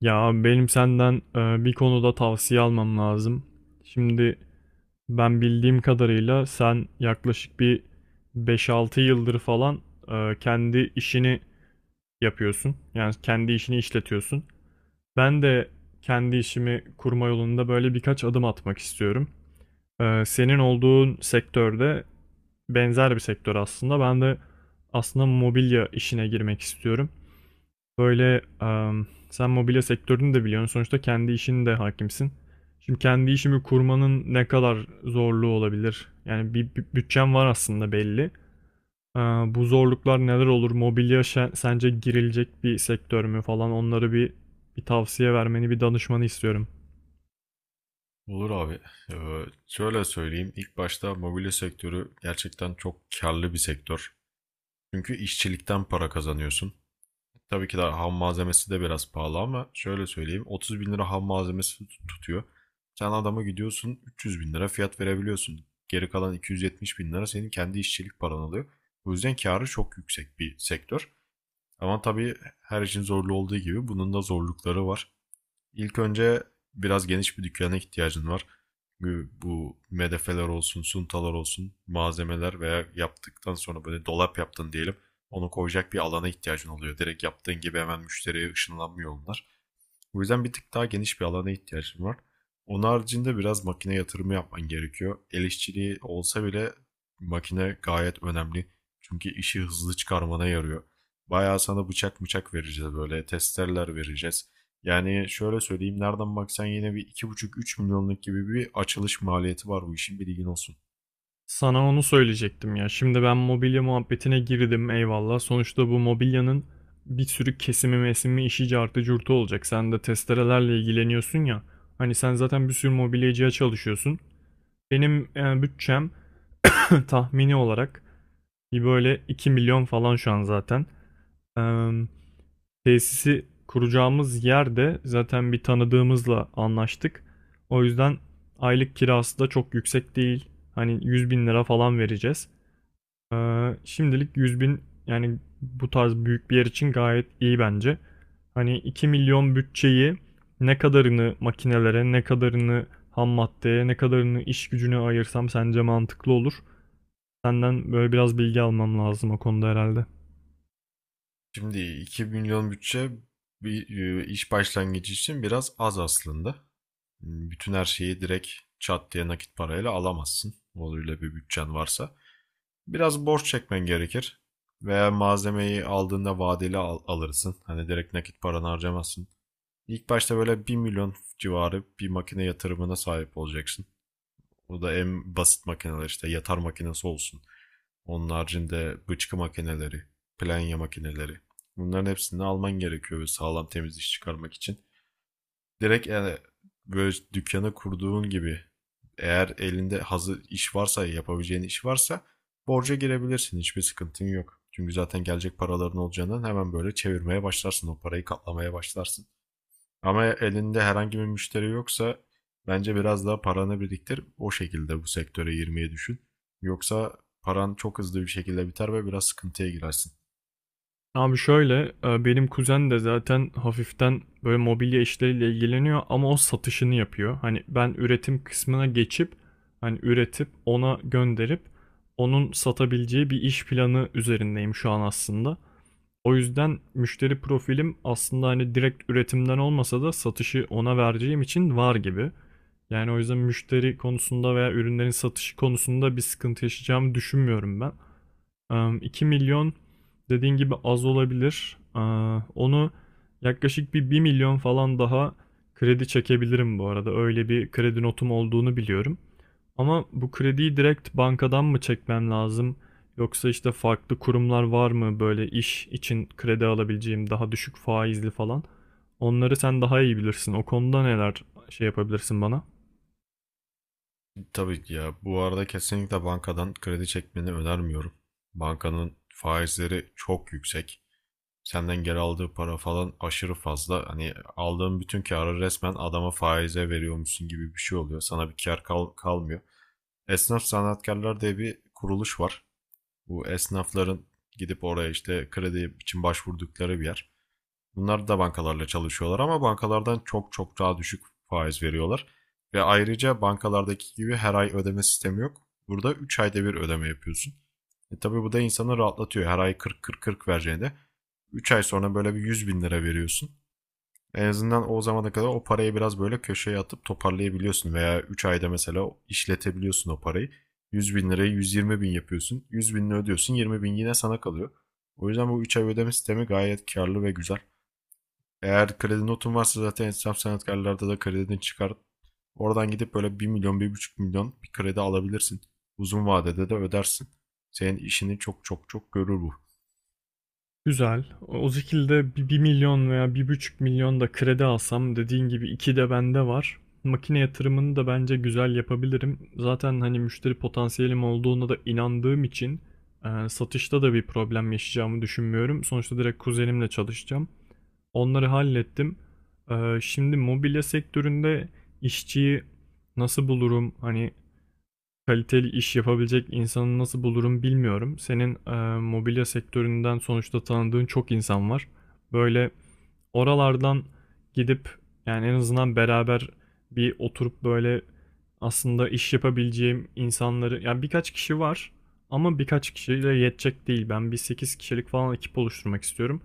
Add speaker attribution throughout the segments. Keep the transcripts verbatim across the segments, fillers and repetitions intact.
Speaker 1: Ya abi, benim senden e, bir konuda tavsiye almam lazım. Şimdi ben bildiğim kadarıyla sen yaklaşık bir beş-altı yıldır falan e, kendi işini yapıyorsun. Yani kendi işini işletiyorsun. Ben de kendi işimi kurma yolunda böyle birkaç adım atmak istiyorum. E, senin olduğun sektörde benzer bir sektör aslında. Ben de aslında mobilya işine girmek istiyorum. Böyle em, sen mobilya sektörünü de biliyorsun. Sonuçta kendi işin de hakimsin. Şimdi kendi işimi kurmanın ne kadar zorluğu olabilir? Yani bir, bir bütçem var aslında belli. Ee, Bu zorluklar neler olur? Mobilya şe- sence girilecek bir sektör mü falan? Onları bir bir tavsiye vermeni, bir danışmanı istiyorum.
Speaker 2: Olur abi. Ee, şöyle söyleyeyim. İlk başta mobilya sektörü gerçekten çok karlı bir sektör. Çünkü işçilikten para kazanıyorsun. Tabii ki de ham malzemesi de biraz pahalı ama şöyle söyleyeyim. otuz bin lira ham malzemesi tut- tutuyor. Sen adama gidiyorsun üç yüz bin lira fiyat verebiliyorsun. Geri kalan iki yüz yetmiş bin lira senin kendi işçilik paran alıyor. O yüzden karı çok yüksek bir sektör. Ama tabii her işin zorlu olduğu gibi bunun da zorlukları var. İlk önce biraz geniş bir dükkana ihtiyacın var. Çünkü bu medefeler olsun, suntalar olsun, malzemeler veya yaptıktan sonra böyle dolap yaptın diyelim. Onu koyacak bir alana ihtiyacın oluyor. Direkt yaptığın gibi hemen müşteriye ışınlanmıyor onlar. O yüzden bir tık daha geniş bir alana ihtiyacım var. Onun haricinde biraz makine yatırımı yapman gerekiyor. El işçiliği olsa bile makine gayet önemli. Çünkü işi hızlı çıkarmana yarıyor. Bayağı sana bıçak bıçak vereceğiz, böyle testereler vereceğiz. Yani şöyle söyleyeyim, nereden baksan yine bir iki buçuk üç milyonluk gibi bir açılış maliyeti var bu işin, bilgin olsun.
Speaker 1: Sana onu söyleyecektim ya. Şimdi ben mobilya muhabbetine girdim, eyvallah. Sonuçta bu mobilyanın bir sürü kesimi mesimi işi cartı curtu olacak. Sen de testerelerle ilgileniyorsun ya. Hani sen zaten bir sürü mobilyacıya çalışıyorsun. Benim e, bütçem tahmini olarak bir böyle iki milyon falan şu an zaten. E, Tesisi kuracağımız yerde zaten bir tanıdığımızla anlaştık. O yüzden aylık kirası da çok yüksek değil. Hani yüz bin lira falan vereceğiz. Ee, şimdilik yüz bin, yani bu tarz büyük bir yer için gayet iyi bence. Hani iki milyon bütçeyi ne kadarını makinelere, ne kadarını ham maddeye, ne kadarını iş gücüne ayırsam sence mantıklı olur? Senden böyle biraz bilgi almam lazım o konuda herhalde.
Speaker 2: Şimdi iki milyon bütçe bir e, iş başlangıcı için biraz az aslında. Hmm, Bütün her şeyi direkt çat diye nakit parayla alamazsın, öyle bir bütçen varsa. Biraz borç çekmen gerekir. Veya malzemeyi aldığında vadeli al- alırsın. Hani direkt nakit paranı harcamazsın. İlk başta böyle bir milyon civarı bir makine yatırımına sahip olacaksın. O da en basit makineler, işte yatar makinesi olsun. Onun haricinde bıçkı makineleri, planya makineleri. Bunların hepsini alman gerekiyor, ve sağlam temiz iş çıkarmak için. Direkt yani böyle dükkanı kurduğun gibi, eğer elinde hazır iş varsa, yapabileceğin iş varsa borca girebilirsin. Hiçbir sıkıntın yok. Çünkü zaten gelecek paraların olacağından hemen böyle çevirmeye başlarsın. O parayı katlamaya başlarsın. Ama elinde herhangi bir müşteri yoksa bence biraz daha paranı biriktir. O şekilde bu sektöre girmeyi düşün. Yoksa paran çok hızlı bir şekilde biter ve biraz sıkıntıya girersin.
Speaker 1: Abi şöyle e, benim kuzen de zaten hafiften böyle mobilya işleriyle ilgileniyor ama o satışını yapıyor. Hani ben üretim kısmına geçip hani üretip ona gönderip onun satabileceği bir iş planı üzerindeyim şu an aslında. O yüzden müşteri profilim aslında hani direkt üretimden olmasa da satışı ona vereceğim için var gibi. Yani o yüzden müşteri konusunda veya ürünlerin satışı konusunda bir sıkıntı yaşayacağımı düşünmüyorum ben. Em, iki milyon dediğin gibi az olabilir. Aa, Onu yaklaşık bir 1 milyon falan daha kredi çekebilirim bu arada. Öyle bir kredi notum olduğunu biliyorum. Ama bu krediyi direkt bankadan mı çekmem lazım? Yoksa işte farklı kurumlar var mı böyle iş için kredi alabileceğim daha düşük faizli falan? Onları sen daha iyi bilirsin. O konuda neler şey yapabilirsin bana?
Speaker 2: Tabii ki ya, bu arada kesinlikle bankadan kredi çekmeni önermiyorum. Bankanın faizleri çok yüksek. Senden geri aldığı para falan aşırı fazla. Hani aldığın bütün karı resmen adama faize veriyormuşsun gibi bir şey oluyor. Sana bir kar kal- kalmıyor. Esnaf Sanatkarlar diye bir kuruluş var. Bu esnafların gidip oraya işte kredi için başvurdukları bir yer. Bunlar da bankalarla çalışıyorlar ama bankalardan çok çok daha düşük faiz veriyorlar. Ve ayrıca bankalardaki gibi her ay ödeme sistemi yok. Burada üç ayda bir ödeme yapıyorsun. E tabii bu da insanı rahatlatıyor. Her ay kırk kırk kırk vereceğine üç ay sonra böyle bir yüz bin lira veriyorsun. En azından o zamana kadar o parayı biraz böyle köşeye atıp toparlayabiliyorsun. Veya üç ayda mesela işletebiliyorsun o parayı. yüz bin lirayı yüz yirmi bin yapıyorsun. yüz binini ödüyorsun, yirmi bin yine sana kalıyor. O yüzden bu üç ay ödeme sistemi gayet karlı ve güzel. Eğer kredi notun varsa zaten esnaf sanatkarlarda da kredini çıkar. Oradan gidip böyle bir milyon bir buçuk milyon bir kredi alabilirsin. Uzun vadede de ödersin. Senin işini çok çok çok görür bu.
Speaker 1: Güzel. O o şekilde bir bir milyon veya bir buçuk milyon da kredi alsam, dediğin gibi iki de bende var. Makine yatırımını da bence güzel yapabilirim. Zaten hani müşteri potansiyelim olduğuna da inandığım için e, satışta da bir problem yaşayacağımı düşünmüyorum. Sonuçta direkt kuzenimle çalışacağım. Onları hallettim. E, Şimdi mobilya sektöründe işçiyi nasıl bulurum? Hani kaliteli iş yapabilecek insanı nasıl bulurum bilmiyorum. Senin e, mobilya sektöründen sonuçta tanıdığın çok insan var. Böyle oralardan gidip yani en azından beraber bir oturup böyle aslında iş yapabileceğim insanları, yani birkaç kişi var ama birkaç kişiyle yetecek değil. Ben bir sekiz kişilik falan ekip oluşturmak istiyorum.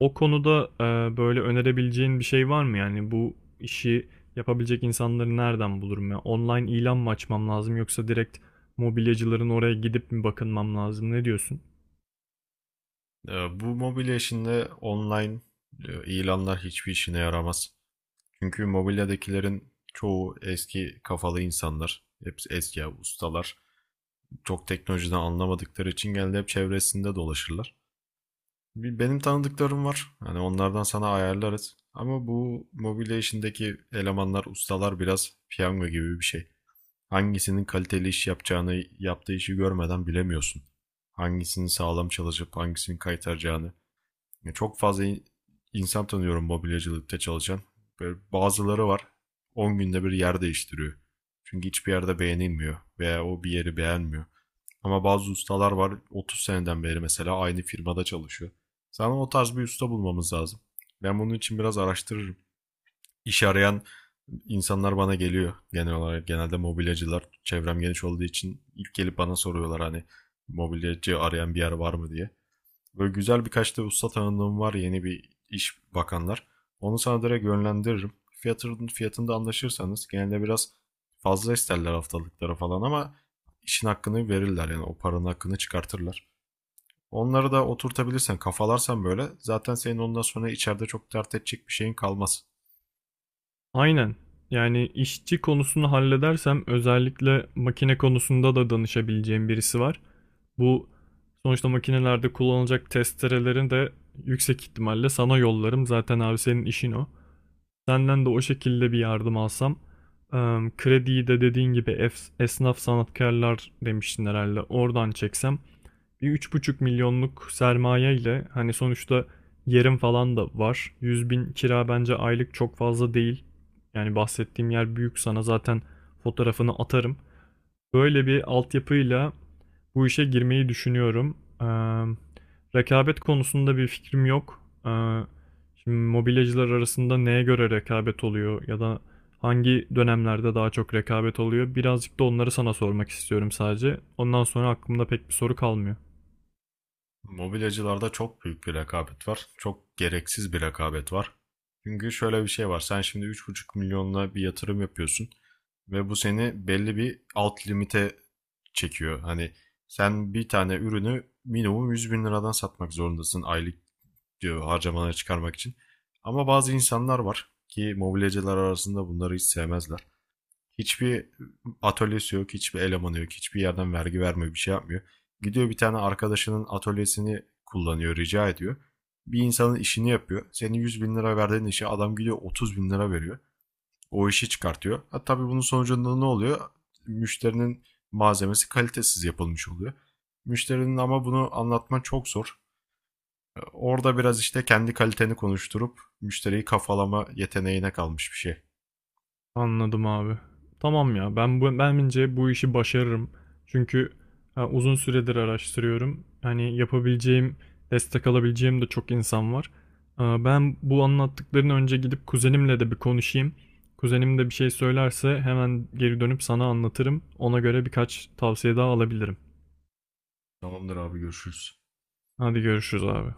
Speaker 1: O konuda e, böyle önerebileceğin bir şey var mı? Yani bu işi yapabilecek insanları nereden bulurum ya? Online ilan mı açmam lazım, yoksa direkt mobilyacıların oraya gidip mi bakınmam lazım? Ne diyorsun?
Speaker 2: Ee, Bu mobilya işinde online e, ilanlar hiçbir işine yaramaz. Çünkü mobilyadakilerin çoğu eski kafalı insanlar. Hepsi eski ustalar. Çok teknolojiden anlamadıkları için genelde hep çevresinde dolaşırlar. Benim tanıdıklarım var. Hani onlardan sana ayarlarız. Ama bu mobilya işindeki elemanlar, ustalar biraz piyango gibi bir şey. Hangisinin kaliteli iş yapacağını, yaptığı işi görmeden bilemiyorsun. Hangisinin sağlam çalışıp hangisinin kaytaracağını. Ya çok fazla in- insan tanıyorum mobilyacılıkta çalışan. Böyle bazıları var, on günde bir yer değiştiriyor. Çünkü hiçbir yerde beğenilmiyor veya o bir yeri beğenmiyor. Ama bazı ustalar var, otuz seneden beri mesela aynı firmada çalışıyor. Sana o tarz bir usta bulmamız lazım. Ben bunun için biraz araştırırım. İş arayan insanlar bana geliyor genel olarak. Genelde mobilyacılar, çevrem geniş olduğu için, ilk gelip bana soruyorlar hani mobilyacı arayan bir yer var mı diye. Böyle güzel birkaç da usta tanıdığım var yeni bir iş bakanlar. Onu sana direkt yönlendiririm. Fiyatın, fiyatında anlaşırsanız genelde biraz fazla isterler haftalıklara falan ama işin hakkını verirler yani o paranın hakkını çıkartırlar. Onları da oturtabilirsen, kafalarsan böyle, zaten senin ondan sonra içeride çok dert edecek bir şeyin kalmaz.
Speaker 1: Aynen. Yani işçi konusunu halledersem, özellikle makine konusunda da danışabileceğim birisi var. Bu sonuçta makinelerde kullanılacak testerelerin de yüksek ihtimalle sana yollarım. Zaten abi senin işin o. Senden de o şekilde bir yardım alsam. Em, Krediyi de dediğin gibi ef- esnaf sanatkarlar demiştin herhalde. Oradan çeksem bir üç buçuk milyonluk sermaye ile hani sonuçta yerim falan da var. Yüz bin kira bence aylık çok fazla değil. Yani bahsettiğim yer büyük, sana zaten fotoğrafını atarım. Böyle bir altyapıyla bu işe girmeyi düşünüyorum. Eee, rekabet konusunda bir fikrim yok. Eee, şimdi mobilyacılar arasında neye göre rekabet oluyor, ya da hangi dönemlerde daha çok rekabet oluyor? Birazcık da onları sana sormak istiyorum sadece. Ondan sonra aklımda pek bir soru kalmıyor.
Speaker 2: Mobilyacılarda çok büyük bir rekabet var. Çok gereksiz bir rekabet var. Çünkü şöyle bir şey var. Sen şimdi üç buçuk milyonla bir yatırım yapıyorsun ve bu seni belli bir alt limite çekiyor. Hani sen bir tane ürünü minimum yüz bin liradan satmak zorundasın aylık, diyor, harcamaları çıkarmak için. Ama bazı insanlar var ki mobilyacılar arasında bunları hiç sevmezler. Hiçbir atölyesi yok, hiçbir elemanı yok, hiçbir yerden vergi vermiyor, bir şey yapmıyor. Gidiyor bir tane arkadaşının atölyesini kullanıyor, rica ediyor. Bir insanın işini yapıyor. Senin yüz bin lira verdiğin işe adam gidiyor otuz bin lira veriyor. O işi çıkartıyor. Ha, tabii bunun sonucunda ne oluyor? Müşterinin malzemesi kalitesiz yapılmış oluyor. Müşterinin, ama bunu anlatman çok zor. E, Orada biraz işte kendi kaliteni konuşturup müşteriyi kafalama yeteneğine kalmış bir şey.
Speaker 1: Anladım abi. Tamam ya, ben bu, bence bu işi başarırım. Çünkü ha, uzun süredir araştırıyorum. Hani yapabileceğim, destek alabileceğim de çok insan var. Aa, ben bu anlattıklarını önce gidip kuzenimle de bir konuşayım. Kuzenim de bir şey söylerse hemen geri dönüp sana anlatırım. Ona göre birkaç tavsiye daha alabilirim.
Speaker 2: Tamamdır abi, görüşürüz.
Speaker 1: Hadi görüşürüz abi.